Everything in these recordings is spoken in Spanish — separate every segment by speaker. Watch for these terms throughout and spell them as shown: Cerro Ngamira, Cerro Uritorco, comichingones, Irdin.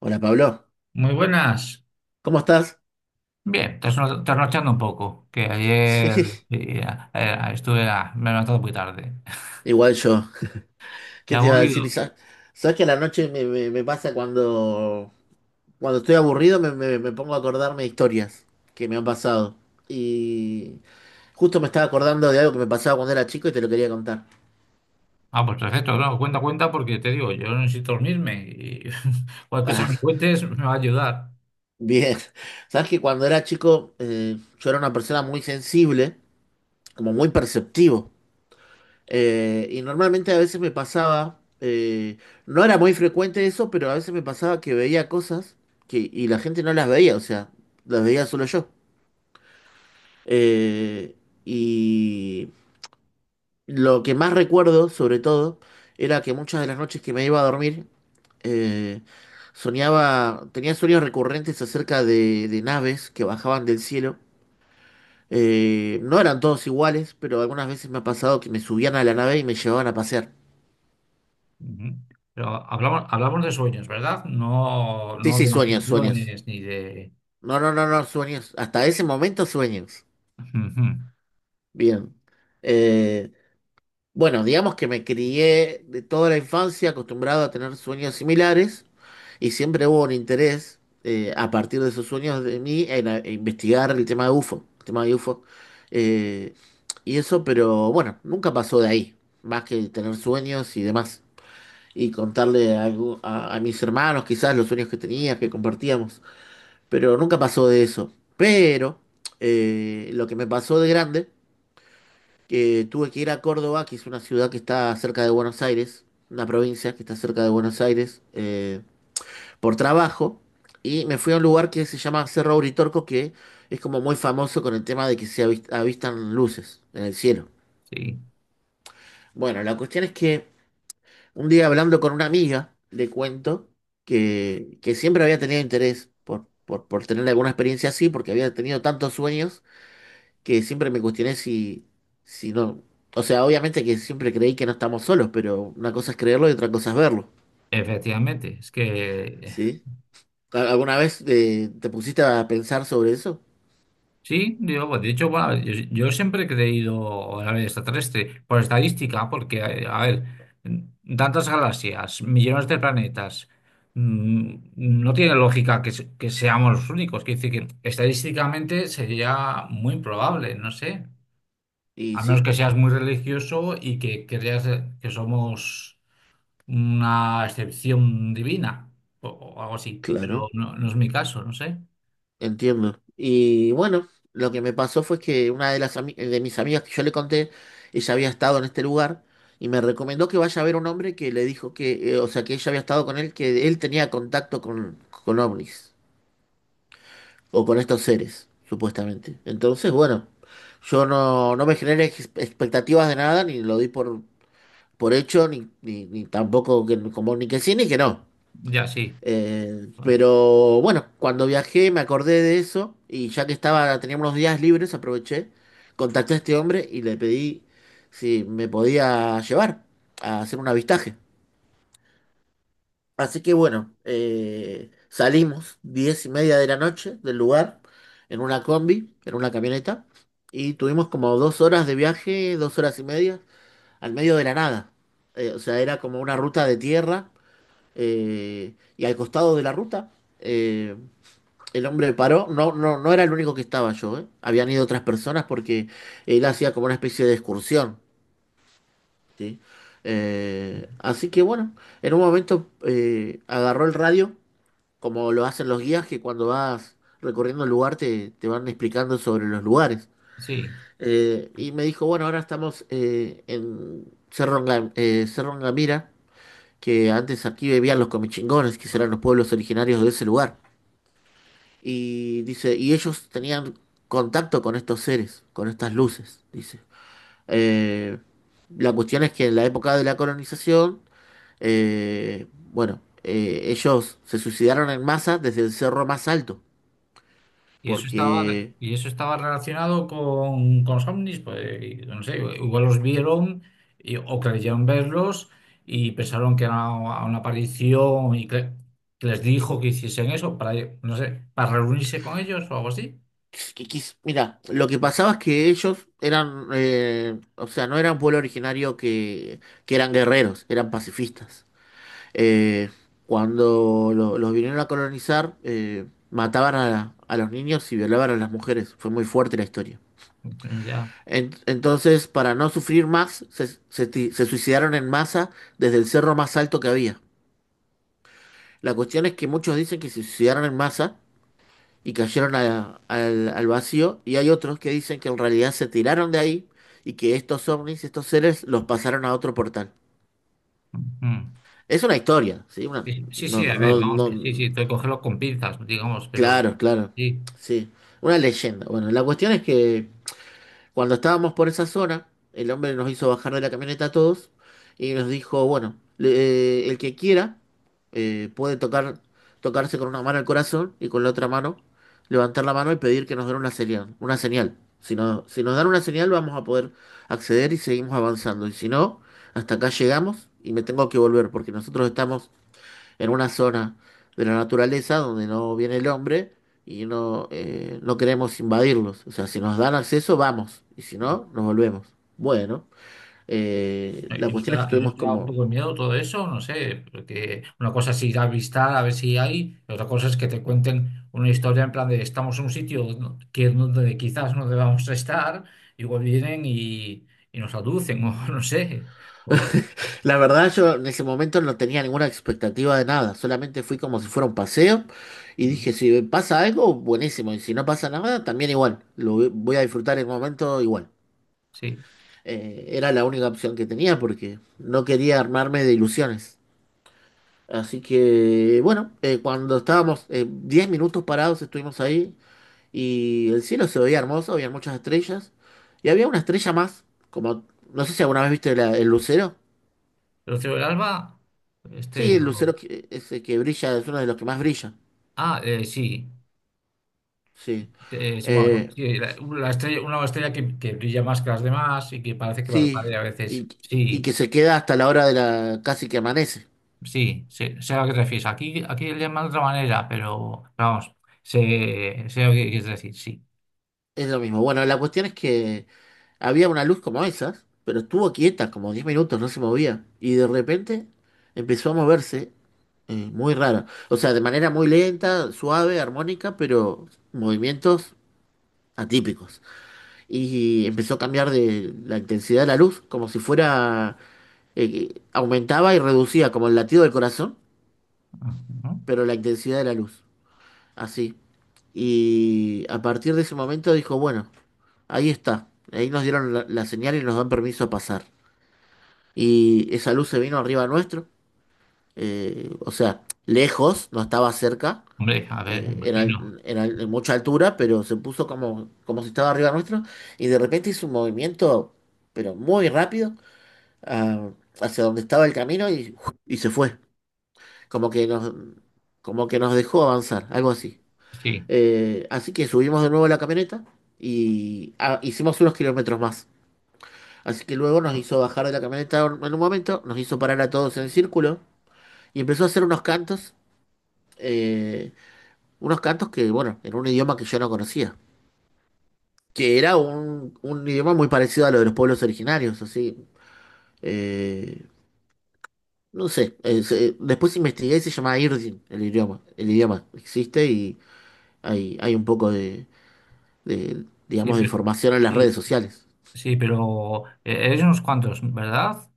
Speaker 1: Hola Pablo,
Speaker 2: Muy buenas.
Speaker 1: ¿cómo estás?
Speaker 2: Bien, trasnochando un poco, que ayer
Speaker 1: Sí,
Speaker 2: sí, estuve, me he levantado muy tarde.
Speaker 1: igual yo.
Speaker 2: Y
Speaker 1: ¿Qué te iba a decir?
Speaker 2: aburrido.
Speaker 1: ¿Sabes que a la noche me pasa cuando estoy aburrido me pongo a acordarme de historias que me han pasado? Y justo me estaba acordando de algo que me pasaba cuando era chico y te lo quería contar.
Speaker 2: Ah, pues perfecto, no, cuenta, cuenta, porque te digo, yo no necesito dormirme y cualquier cosa que
Speaker 1: Ah,
Speaker 2: me cuentes me va a ayudar.
Speaker 1: bien. ¿Sabes que cuando era chico yo era una persona muy sensible, como muy perceptivo? Y normalmente a veces me pasaba, no era muy frecuente eso, pero a veces me pasaba que veía cosas y la gente no las veía, o sea, las veía solo yo. Eh, y lo que más recuerdo, sobre todo, era que muchas de las noches que me iba a dormir, eh, soñaba, tenía sueños recurrentes acerca de naves que bajaban del cielo. No eran todos iguales, pero algunas veces me ha pasado que me subían a la nave y me llevaban a pasear.
Speaker 2: Ujú. Pero hablamos de sueños, ¿verdad? No,
Speaker 1: Sí,
Speaker 2: no
Speaker 1: sí,
Speaker 2: de
Speaker 1: sueños, sueños.
Speaker 2: intenciones ni de...
Speaker 1: No, no, no, no, sueños. Hasta ese momento sueños.
Speaker 2: Ujú.
Speaker 1: Bien. Eh, bueno, digamos que me crié de toda la infancia acostumbrado a tener sueños similares y siempre hubo un interés a partir de esos sueños de mí en investigar el tema de UFO, el tema de UFO. Eh, y eso, pero bueno, nunca pasó de ahí, más que tener sueños y demás. Y contarle a, algu- a mis hermanos quizás los sueños que tenía, que compartíamos, pero nunca pasó de eso. Pero lo que me pasó de grande, que tuve que ir a Córdoba, que es una ciudad que está cerca de Buenos Aires, una provincia que está cerca de Buenos Aires, por trabajo, y me fui a un lugar que se llama Cerro Uritorco, que es como muy famoso con el tema de que se avistan luces en el cielo.
Speaker 2: Sí,
Speaker 1: Bueno, la cuestión es que un día hablando con una amiga, le cuento que siempre había tenido interés por tener alguna experiencia así, porque había tenido tantos sueños que siempre me cuestioné si no, o sea, obviamente que siempre creí que no estamos solos, pero una cosa es creerlo y otra cosa es verlo,
Speaker 2: efectivamente, es que
Speaker 1: ¿sí? ¿Alguna vez pusiste a pensar sobre eso?
Speaker 2: sí, digo, pues, de hecho, bueno, yo siempre he creído en la vida extraterrestre, por estadística, porque, a ver, tantas galaxias, millones de planetas, no tiene lógica que seamos los únicos. Quiere decir que estadísticamente sería muy improbable, no sé. A
Speaker 1: Y
Speaker 2: menos
Speaker 1: sí,
Speaker 2: que seas muy religioso y que creas que somos una excepción divina o algo así. Pero
Speaker 1: claro,
Speaker 2: no, no es mi caso, no sé.
Speaker 1: entiendo. Y bueno, lo que me pasó fue que una de las ami- de mis amigas que yo le conté, ella había estado en este lugar y me recomendó que vaya a ver un hombre que le dijo o sea, que ella había estado con él, que él tenía contacto con ovnis. O con estos seres, supuestamente. Entonces, bueno, yo no me generé expectativas de nada, ni lo di por hecho, ni tampoco como ni que sí ni que no.
Speaker 2: Ya sí, bueno,
Speaker 1: Pero bueno, cuando viajé me acordé de eso y ya que estaba, tenía unos días libres, aproveché, contacté a este hombre y le pedí si me podía llevar a hacer un avistaje. Así que bueno, salimos 10:30 de la noche del lugar en una combi, en una camioneta, y tuvimos como 2 horas de viaje, 2 horas y media, al medio de la nada. O sea, era como una ruta de tierra, y al costado de la ruta, eh, el hombre paró. No, no, no era el único que estaba yo, ¿eh? Habían ido otras personas porque él hacía como una especie de excursión, ¿sí? Así que bueno, en un momento agarró el radio como lo hacen los guías que cuando vas recorriendo el lugar te van explicando sobre los lugares.
Speaker 2: sí.
Speaker 1: Y me dijo, bueno, ahora estamos en Cerro Ngamira, que antes aquí vivían los comichingones, que eran los pueblos originarios de ese lugar. Y dice, y ellos tenían contacto con estos seres, con estas luces, dice. Eh, la cuestión es que en la época de la colonización, eh, bueno, ellos se suicidaron en masa desde el cerro más alto porque,
Speaker 2: Y eso estaba relacionado con los ovnis, pues y no sé, igual los vieron o creyeron verlos y pensaron que era una aparición y que les dijo que hiciesen eso para, no sé, para reunirse con ellos o algo así.
Speaker 1: pues, que quis- mira, lo que pasaba es que ellos eran, o sea, no eran pueblo originario que eran guerreros, eran pacifistas. Eh, Cuando los vinieron a colonizar, mataban a los niños y violaban a las mujeres. Fue muy fuerte la historia.
Speaker 2: Pero ya.
Speaker 1: Entonces, para no sufrir más, se suicidaron en masa desde el cerro más alto que había. La cuestión es que muchos dicen que se suicidaron en masa y cayeron al vacío, y hay otros que dicen que en realidad se tiraron de ahí y que estos ovnis, estos seres, los pasaron a otro portal.
Speaker 2: Mm.
Speaker 1: Es una historia, ¿sí? Una,
Speaker 2: Sí, sí,
Speaker 1: no,
Speaker 2: sí, a ver,
Speaker 1: no,
Speaker 2: vamos,
Speaker 1: no,
Speaker 2: que sí, sí, tengo que cogerlo con pinzas, digamos, pero
Speaker 1: claro, claro,
Speaker 2: sí.
Speaker 1: sí, una leyenda. Bueno, la cuestión es que cuando estábamos por esa zona, el hombre nos hizo bajar de la camioneta a todos y nos dijo, bueno, el que quiera puede tocar, tocarse con una mano el corazón y con la otra mano levantar la mano y pedir que nos den una señal, una señal. Si no, si nos dan una señal vamos a poder acceder y seguimos avanzando. Y si no, hasta acá llegamos y me tengo que volver porque nosotros estamos en una zona de la naturaleza donde no viene el hombre y no, no queremos invadirlos. O sea, si nos dan acceso, vamos, y si no, nos volvemos. Bueno, la
Speaker 2: ¿Y no te
Speaker 1: cuestión es que
Speaker 2: da, y no
Speaker 1: estuvimos
Speaker 2: te da un
Speaker 1: como
Speaker 2: poco de miedo todo eso? No sé, porque una cosa es ir a visitar a ver si hay, y otra cosa es que te cuenten una historia en plan de estamos en un sitio que donde quizás no debamos estar, igual vienen y nos aducen, o no sé, o algo.
Speaker 1: la verdad, yo en ese momento no tenía ninguna expectativa de nada, solamente fui como si fuera un paseo y
Speaker 2: Mm.
Speaker 1: dije, si pasa algo, buenísimo, y si no pasa nada, también igual, lo voy a disfrutar el momento igual.
Speaker 2: Sí.
Speaker 1: Era la única opción que tenía porque no quería armarme de ilusiones. Así que, bueno, cuando estábamos 10 minutos parados, estuvimos ahí y el cielo se veía hermoso, había muchas estrellas y había una estrella más, como, no sé si alguna vez viste el lucero.
Speaker 2: Pero Cielo del Alba,
Speaker 1: Sí,
Speaker 2: este.
Speaker 1: el lucero
Speaker 2: O...
Speaker 1: ese que brilla es uno de los que más brilla.
Speaker 2: Ah, sí.
Speaker 1: Sí.
Speaker 2: Sí, bueno, no,
Speaker 1: Eh,
Speaker 2: sí, la estrella, una estrella que brilla más que las demás y que parece que
Speaker 1: sí,
Speaker 2: parpadea a veces.
Speaker 1: y, y que
Speaker 2: Sí.
Speaker 1: se queda hasta la hora de la, casi que amanece.
Speaker 2: Sí, sé, sé a lo que te refieres. Aquí, aquí le llaman de otra manera, pero vamos, sé, sé lo que quieres decir, sí.
Speaker 1: Es lo mismo. Bueno, la cuestión es que había una luz como esas, pero estuvo quieta como 10 minutos, no se movía. Y de repente empezó a moverse, muy rara. O sea, de manera muy lenta, suave, armónica, pero movimientos atípicos. Y empezó a cambiar de la intensidad de la luz, como si fuera, aumentaba y reducía, como el latido del corazón,
Speaker 2: Ujú.
Speaker 1: pero la intensidad de la luz. Así. Y a partir de ese momento dijo, bueno, ahí está. Ahí nos dieron la señal y nos dan permiso a pasar. Y esa luz se vino arriba nuestro, o sea, lejos, no estaba cerca,
Speaker 2: Hombre, a ver,
Speaker 1: en,
Speaker 2: imagino.
Speaker 1: al- en al- en mucha altura, pero se puso como si estaba arriba nuestro, y de repente hizo un movimiento, pero muy rápido, ah, hacia donde estaba el camino y se fue, como que nos, como que nos dejó avanzar, algo así.
Speaker 2: Sí,
Speaker 1: Así que subimos de nuevo a la camioneta y hicimos unos kilómetros más. Así que luego nos hizo bajar de la camioneta en un momento, nos hizo parar a todos en el círculo y empezó a hacer eh, unos cantos que, bueno, en un idioma que yo no conocía, que era un idioma muy parecido a lo de los pueblos originarios, así. eh, no sé, después investigué y se llama Irdin, el idioma. El idioma existe y hay un poco
Speaker 2: sí,
Speaker 1: digamos, de
Speaker 2: pero,
Speaker 1: información en las redes
Speaker 2: sí,
Speaker 1: sociales.
Speaker 2: sí, pero eres unos cuantos, ¿verdad?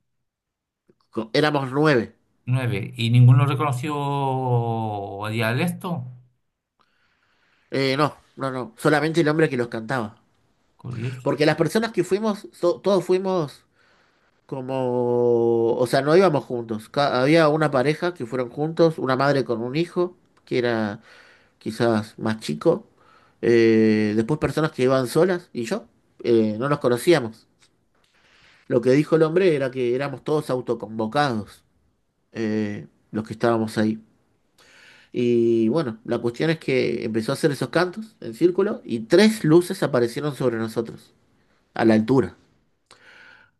Speaker 1: Éramos nueve.
Speaker 2: Nueve. ¿Y ninguno reconoció el dialecto?
Speaker 1: No, no, no, solamente el hombre que los cantaba.
Speaker 2: Curioso.
Speaker 1: Porque las personas que fuimos, todos fuimos como, o sea, no íbamos juntos. Había una pareja que fueron juntos, una madre con un hijo, que era quizás más chico, después personas que iban solas y yo, no nos conocíamos. Lo que dijo el hombre era que éramos todos autoconvocados, los que estábamos ahí. Y bueno, la cuestión es que empezó a hacer esos cantos en círculo y tres luces aparecieron sobre nosotros, a la altura.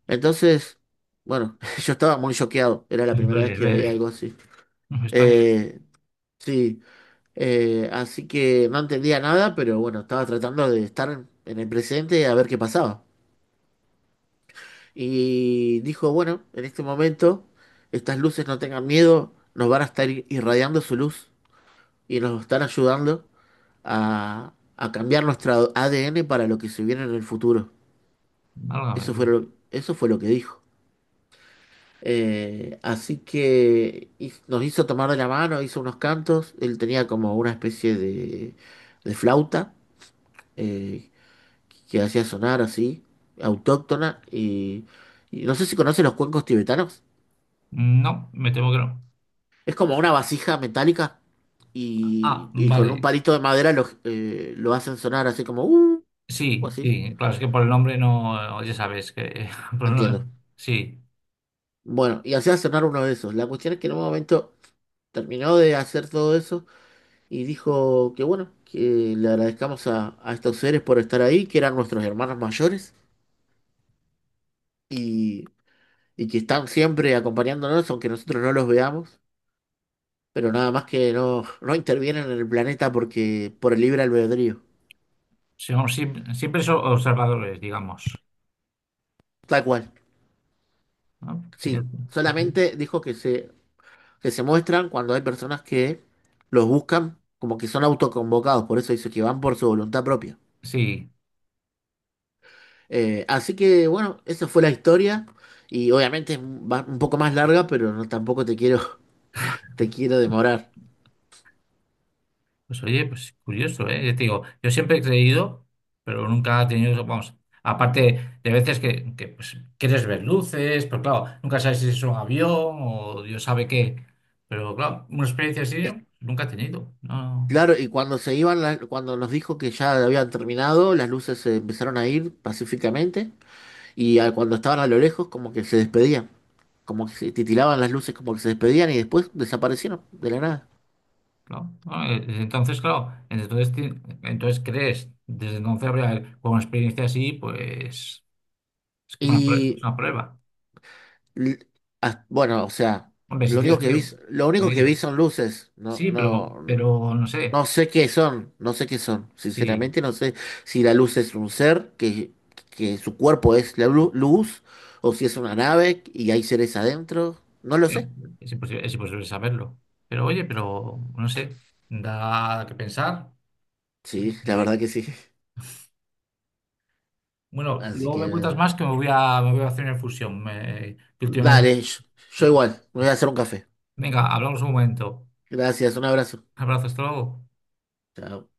Speaker 1: Entonces, bueno, yo estaba muy choqueado, era la primera vez
Speaker 2: Hombre, a
Speaker 1: que veía
Speaker 2: ver,
Speaker 1: algo así.
Speaker 2: me extraña,
Speaker 1: Eh, sí, así que no entendía nada, pero bueno, estaba tratando de estar en el presente a ver qué pasaba. Y dijo, bueno, en este momento, estas luces no tengan miedo, nos van a estar irradiando su luz y nos están ayudando a cambiar nuestro ADN para lo que se viene en el futuro.
Speaker 2: válgame
Speaker 1: Eso fue
Speaker 2: Dios.
Speaker 1: eso fue lo que dijo. Así que nos hizo tomar de la mano, hizo unos cantos, él tenía como una especie de flauta eh, que hacía sonar así, autóctona, y no sé si conoces los cuencos tibetanos.
Speaker 2: No, me temo que no.
Speaker 1: Es como una vasija metálica
Speaker 2: Ah,
Speaker 1: y con un
Speaker 2: vale.
Speaker 1: palito de madera lo hacen sonar así como, o
Speaker 2: Sí,
Speaker 1: así,
Speaker 2: sí, claro, es que por el nombre no, ya sabes que... por el nombre.
Speaker 1: entiendo.
Speaker 2: Sí.
Speaker 1: Bueno, y hacía sonar uno de esos. La cuestión es que en un momento terminó de hacer todo eso y dijo que bueno, que le agradezcamos a estos seres por estar ahí, que eran nuestros hermanos mayores y, y que están siempre acompañándonos, aunque nosotros no los veamos. Pero nada más que no, no intervienen en el planeta porque por el libre albedrío.
Speaker 2: Sí, vamos, siempre, siempre son observadores, digamos.
Speaker 1: Tal cual.
Speaker 2: ¿No? Mira,
Speaker 1: Sí,
Speaker 2: pues bien.
Speaker 1: solamente dijo que se muestran cuando hay personas que los buscan, como que son autoconvocados, por eso dice que van por su voluntad propia.
Speaker 2: Sí,
Speaker 1: Así que bueno, esa fue la historia y obviamente es un poco más larga, pero no tampoco te quiero, te quiero demorar.
Speaker 2: pues oye, pues curioso, ¿eh? Ya te digo, yo siempre he creído, pero nunca he tenido, vamos, aparte de veces que, pues, quieres ver luces, pero claro, nunca sabes si es un avión o Dios sabe qué. Pero claro, una experiencia así
Speaker 1: Es-
Speaker 2: ¿no? nunca he tenido. No,
Speaker 1: Claro, y cuando se iban, cuando nos dijo que ya habían terminado, las luces se empezaron a ir pacíficamente. Y cuando estaban a lo lejos, como que se despedían, como que se titilaban las luces, como que se despedían y después desaparecieron de la nada.
Speaker 2: claro. No, desde entonces, claro, entonces, entonces crees, desde entonces, con una experiencia así, pues es como una es
Speaker 1: Y
Speaker 2: una prueba.
Speaker 1: l- bueno, o sea,
Speaker 2: Hombre, si
Speaker 1: lo único
Speaker 2: tienes
Speaker 1: que vi,
Speaker 2: frío,
Speaker 1: lo
Speaker 2: en
Speaker 1: único que vi
Speaker 2: ello.
Speaker 1: son luces. No,
Speaker 2: Sí,
Speaker 1: no,
Speaker 2: pero no
Speaker 1: no
Speaker 2: sé.
Speaker 1: sé qué son, no sé qué son.
Speaker 2: Sí,
Speaker 1: Sinceramente, no sé si la luz es un ser que su cuerpo es la luz o si es una nave y hay seres adentro. No lo
Speaker 2: pero
Speaker 1: sé.
Speaker 2: es imposible saberlo. Pero oye, pero no sé, da que pensar.
Speaker 1: Sí, la
Speaker 2: Eh,
Speaker 1: verdad que sí.
Speaker 2: bueno,
Speaker 1: Así
Speaker 2: luego me
Speaker 1: que
Speaker 2: cuentas más que me voy a hacer una infusión. Que últimamente...
Speaker 1: dale, yo igual, me voy a hacer un café.
Speaker 2: Venga, hablamos un momento.
Speaker 1: Gracias, un abrazo.
Speaker 2: Abrazos, hasta luego.
Speaker 1: Chao.